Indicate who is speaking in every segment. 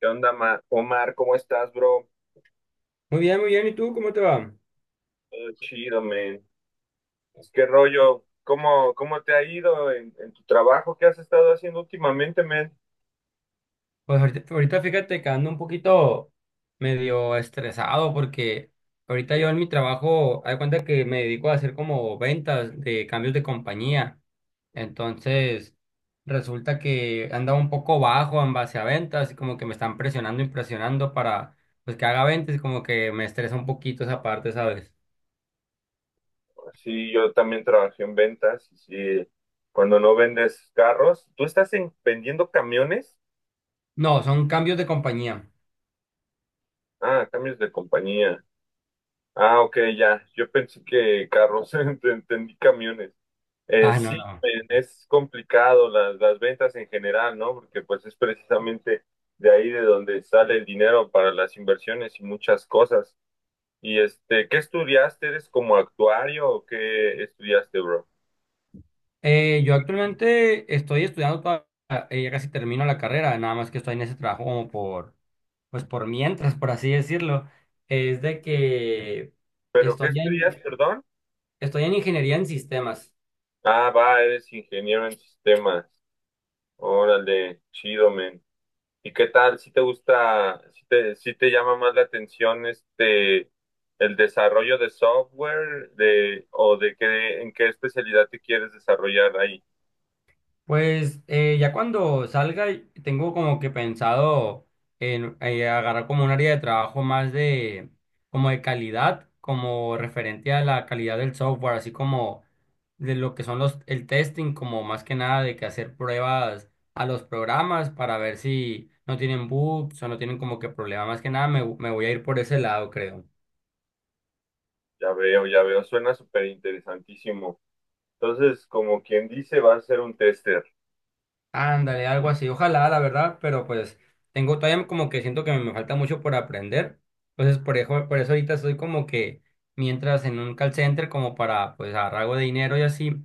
Speaker 1: ¿Qué onda, Omar? ¿Cómo estás, bro?
Speaker 2: Muy bien, muy bien. ¿Y tú cómo te va?
Speaker 1: Todo chido, man. Es que rollo, ¿cómo te ha ido en tu trabajo? ¿Qué has estado haciendo últimamente, man?
Speaker 2: Pues ahorita fíjate que ando un poquito medio estresado porque ahorita yo en mi trabajo, hay cuenta que me dedico a hacer como ventas de cambios de compañía. Entonces, resulta que andaba un poco bajo en base a ventas y como que me están presionando y presionando para pues que haga ventas y como que me estresa un poquito esa parte, ¿sabes?
Speaker 1: Sí, yo también trabajé en ventas. Sí, cuando no vendes carros, ¿tú estás vendiendo camiones?
Speaker 2: No, son cambios de compañía.
Speaker 1: Ah, cambios de compañía. Ah, ok, ya. Yo pensé que carros, entendí camiones. Eh,
Speaker 2: Ah, no,
Speaker 1: sí,
Speaker 2: no.
Speaker 1: men, es complicado las ventas en general, ¿no? Porque pues es precisamente de ahí de donde sale el dinero para las inversiones y muchas cosas. Y ¿qué estudiaste? ¿Eres como actuario o qué estudiaste, bro?
Speaker 2: Yo actualmente estoy estudiando todavía, ya casi termino la carrera, nada más que estoy en ese trabajo como por, pues por mientras, por así decirlo. Es de que
Speaker 1: ¿Pero qué
Speaker 2: estoy
Speaker 1: estudias,
Speaker 2: en,
Speaker 1: perdón?
Speaker 2: estoy en ingeniería en sistemas.
Speaker 1: Ah, va, eres ingeniero en sistemas. Órale, chido, men. ¿Y qué tal si te gusta, si te llama más la atención el desarrollo de software de qué, en qué especialidad te quieres desarrollar ahí?
Speaker 2: Pues ya cuando salga, y tengo como que pensado en agarrar como un área de trabajo más de, como de calidad, como referente a la calidad del software, así como de lo que son los, el testing, como más que nada de que hacer pruebas a los programas para ver si no tienen bugs o no tienen como que problemas. Más que nada me, me voy a ir por ese lado, creo.
Speaker 1: Ya veo, suena súper interesantísimo. Entonces, como quien dice, va a ser un tester.
Speaker 2: Ándale, algo así. Ojalá, la verdad, pero pues tengo todavía como que siento que me falta mucho por aprender. Entonces, por eso ahorita estoy como que mientras en un call center como para pues agarrar algo de dinero y así.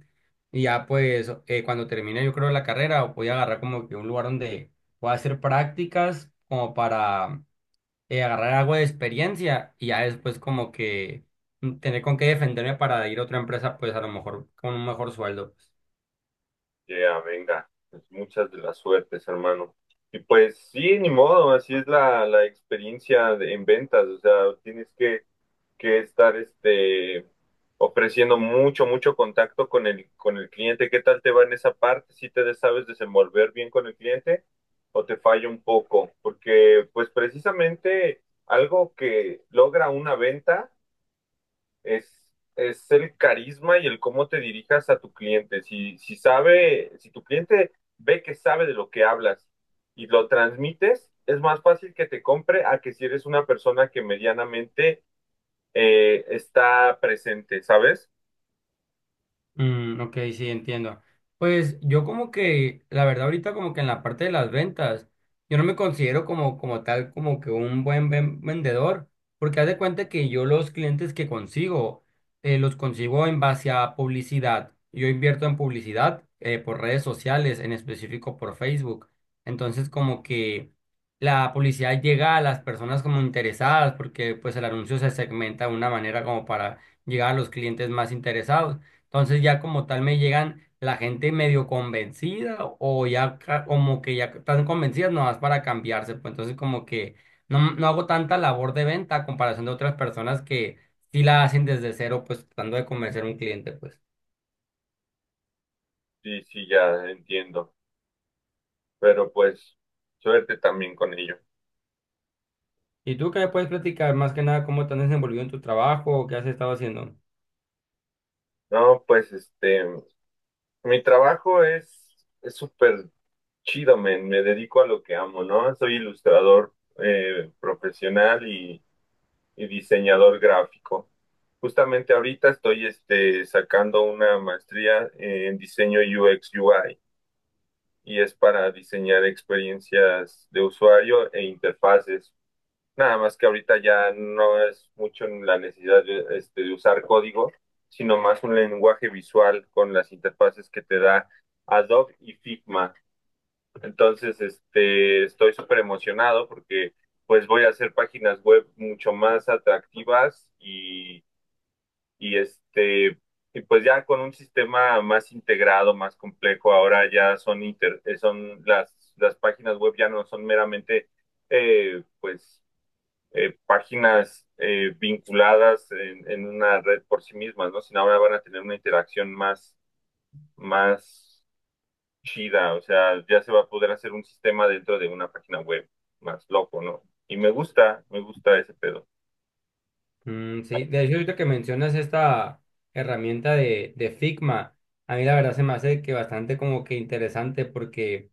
Speaker 2: Y ya pues cuando termine yo creo la carrera voy a agarrar como que un lugar donde pueda hacer prácticas como para agarrar algo de experiencia y ya después como que tener con qué defenderme para ir a otra empresa pues a lo mejor con un mejor sueldo pues.
Speaker 1: Ya, venga, pues muchas de las suertes, hermano. Y pues sí, ni modo, así es la experiencia en ventas, o sea, tienes que, que estar ofreciendo mucho, mucho contacto con con el cliente. ¿Qué tal te va en esa parte? ¿Si te sabes desenvolver bien con el cliente o te falla un poco? Porque pues precisamente algo que logra una venta. Es, es el carisma y el cómo te dirijas a tu cliente. Si sabe, si tu cliente ve que sabe de lo que hablas y lo transmites, es más fácil que te compre a que si eres una persona que medianamente está presente, ¿sabes?
Speaker 2: Mm, ok, sí, entiendo. Pues yo como que, la verdad ahorita como que en la parte de las ventas, yo no me considero como, como tal, como que un buen vendedor, porque haz de cuenta que yo los clientes que consigo, los consigo en base a publicidad. Yo invierto en publicidad por redes sociales, en específico por Facebook. Entonces como que la publicidad llega a las personas como interesadas, porque pues el anuncio se segmenta de una manera como para llegar a los clientes más interesados. Entonces ya como tal me llegan la gente medio convencida o ya como que ya están convencidas nomás para cambiarse. Pues entonces como que no, no hago tanta labor de venta a comparación de otras personas que sí la hacen desde cero, pues tratando de convencer a un cliente, pues.
Speaker 1: Sí, sí, ya entiendo. Pero pues, suerte también con ello.
Speaker 2: ¿Y tú qué me puedes platicar más que nada cómo te has desenvolvido en tu trabajo o qué has estado haciendo?
Speaker 1: No, pues Mi trabajo es súper chido, men. Me dedico a lo que amo, ¿no? Soy ilustrador profesional y diseñador gráfico. Justamente ahorita estoy sacando una maestría en diseño UX UI, y es para diseñar experiencias de usuario e interfaces. Nada más que ahorita ya no es mucho en la necesidad de, de usar código, sino más un lenguaje visual con las interfaces que te da Adobe y Figma. Entonces, estoy súper emocionado porque pues voy a hacer páginas web mucho más atractivas y, y este, y pues ya con un sistema más integrado, más complejo. Ahora ya son son las páginas web ya no son meramente eh, pues páginas vinculadas en una red por sí mismas, ¿no? Sino ahora van a tener una interacción más chida, o sea, ya se va a poder hacer un sistema dentro de una página web más loco, ¿no? Y me gusta ese pedo,
Speaker 2: Mm, sí, de hecho ahorita que mencionas esta herramienta de Figma, a mí la verdad se me hace que bastante como que interesante porque...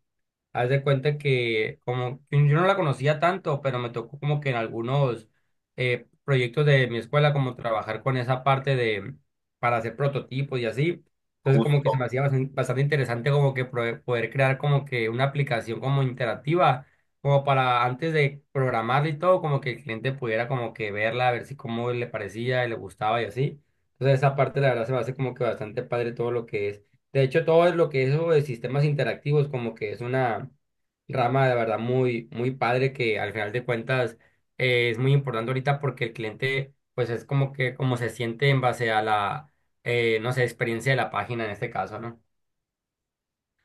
Speaker 2: Haz de cuenta que como yo no la conocía tanto, pero me tocó como que en algunos proyectos de mi escuela como trabajar con esa parte de para hacer prototipos y así. Entonces como que se me
Speaker 1: justo.
Speaker 2: hacía bastante, interesante como que poder crear como que una aplicación como interactiva, como para antes de programarla y todo, como que el cliente pudiera como que verla, a ver si cómo le parecía y le gustaba y así. Entonces esa parte la verdad se me hace como que bastante padre todo lo que es. De hecho, todo es lo que es eso de sistemas interactivos, como que es una rama de verdad muy, muy padre que al final de cuentas es muy importante ahorita porque el cliente, pues es como que como se siente en base a la, no sé, experiencia de la página en este caso, ¿no?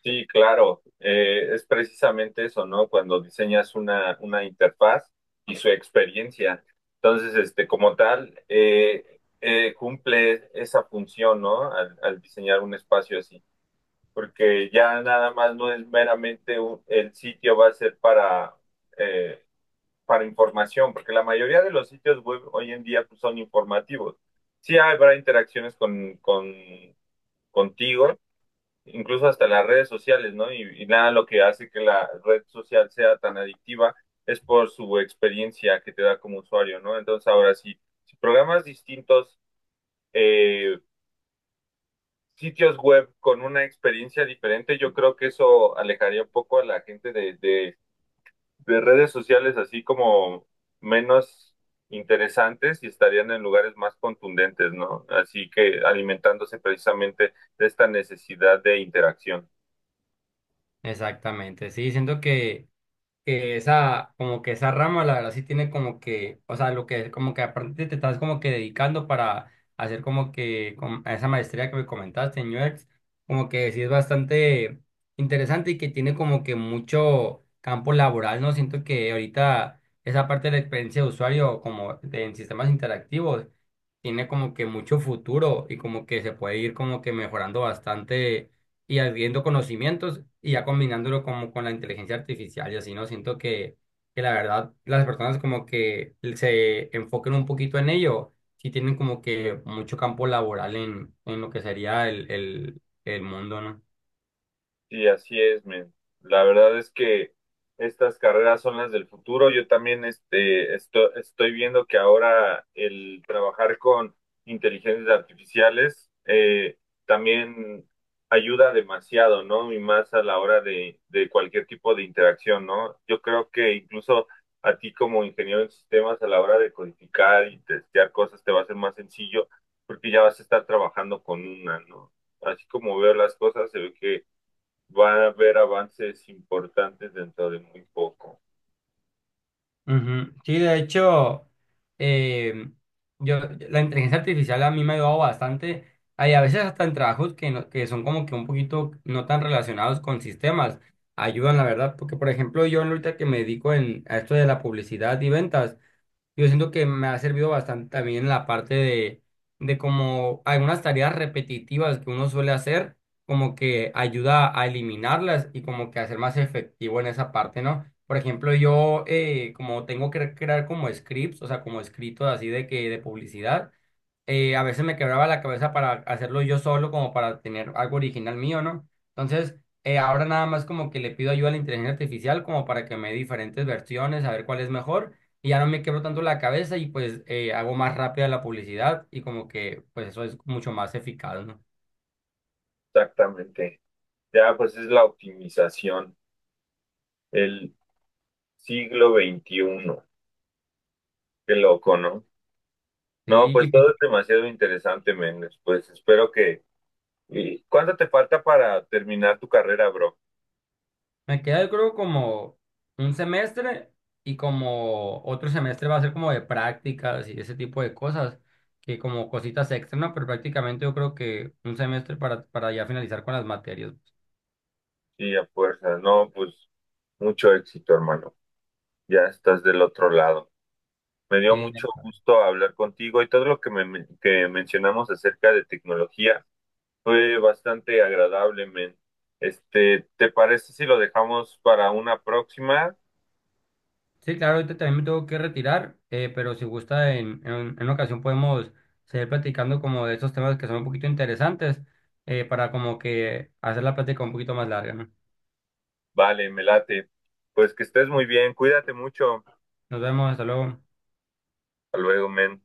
Speaker 1: Sí, claro, es precisamente eso, ¿no? Cuando diseñas una interfaz y su experiencia. Entonces, como tal, cumple esa función, ¿no? Al, al diseñar un espacio así. Porque ya nada más no es meramente el sitio va a ser eh, para información, porque la mayoría de los sitios web hoy en día, pues, son informativos. Sí habrá interacciones con, contigo, incluso hasta las redes sociales, ¿no? Y nada, lo que hace que la red social sea tan adictiva es por su experiencia que te da como usuario, ¿no? Entonces ahora sí, si programas distintos eh, sitios web con una experiencia diferente, yo creo que eso alejaría un poco a la gente de, de redes sociales así como menos interesantes, y estarían en lugares más contundentes, ¿no? Así que alimentándose precisamente de esta necesidad de interacción.
Speaker 2: Exactamente, sí, siento que esa, como que esa rama, la verdad, sí tiene como que, o sea, lo que, como que aparte te estás como que dedicando para hacer como que a esa maestría que me comentaste en UX, como que sí es bastante interesante y que tiene como que mucho campo laboral, ¿no? Siento que ahorita esa parte de la experiencia de usuario, como en sistemas interactivos, tiene como que mucho futuro y como que se puede ir como que mejorando bastante y adquiriendo conocimientos y ya combinándolo como con la inteligencia artificial y así, ¿no? Siento que la verdad las personas como que se enfoquen un poquito en ello, sí tienen como que mucho campo laboral en lo que sería el mundo, ¿no?
Speaker 1: Sí, así es, men. La verdad es que estas carreras son las del futuro. Yo también estoy viendo que ahora el trabajar con inteligencias artificiales también ayuda demasiado, ¿no? Y más a la hora de cualquier tipo de interacción, ¿no? Yo creo que incluso a ti como ingeniero en sistemas, a la hora de codificar y testear cosas, te va a ser más sencillo porque ya vas a estar trabajando con una, ¿no? Así como veo las cosas, se ve que va a haber avances importantes dentro de muy poco.
Speaker 2: Ujú. Sí, de hecho, eh, yo, la inteligencia artificial a mí me ha ayudado bastante. Hay a veces hasta en trabajos que, que son como que un poquito no tan relacionados con sistemas. Ayudan, la verdad, porque por ejemplo yo ahorita que me dedico en, a esto de la publicidad y ventas, yo siento que me ha servido bastante también en la parte de como algunas tareas repetitivas que uno suele hacer, como que ayuda a eliminarlas y como que hacer más efectivo en esa parte, ¿no? Por ejemplo, yo como tengo que crear como scripts, o sea, como escritos así de que de publicidad a veces me quebraba la cabeza para hacerlo yo solo, como para tener algo original mío, ¿no? Entonces, ahora nada más como que le pido ayuda a la inteligencia artificial como para que me dé diferentes versiones, a ver cuál es mejor, y ya no me quebro tanto la cabeza y pues hago más rápida la publicidad y como que pues eso es mucho más eficaz, ¿no?
Speaker 1: Exactamente. Ya, pues es la optimización, el siglo XXI. Qué loco, ¿no? No, pues
Speaker 2: Sí.
Speaker 1: todo es demasiado interesante, Méndez. Pues espero que... ¿Y cuánto te falta para terminar tu carrera, bro?
Speaker 2: Me queda, yo creo, como un semestre y como otro semestre va a ser como de prácticas y ese tipo de cosas, que como cositas extra, ¿no? Pero prácticamente yo creo que un semestre para ya finalizar con las materias.
Speaker 1: Sí, a fuerza. No, pues mucho éxito, hermano. Ya estás del otro lado. Me dio
Speaker 2: Sí,
Speaker 1: mucho
Speaker 2: ya.
Speaker 1: gusto hablar contigo y todo lo que, que mencionamos acerca de tecnología. Fue bastante agradable, men. ¿Te parece si lo dejamos para una próxima?
Speaker 2: Sí, claro, ahorita también me tengo que retirar, pero si gusta, en una ocasión podemos seguir platicando como de esos temas que son un poquito interesantes, para como que hacer la plática un poquito más larga, ¿no?
Speaker 1: Vale, me late. Pues que estés muy bien, cuídate mucho.
Speaker 2: Nos vemos, hasta luego.
Speaker 1: Hasta luego, men.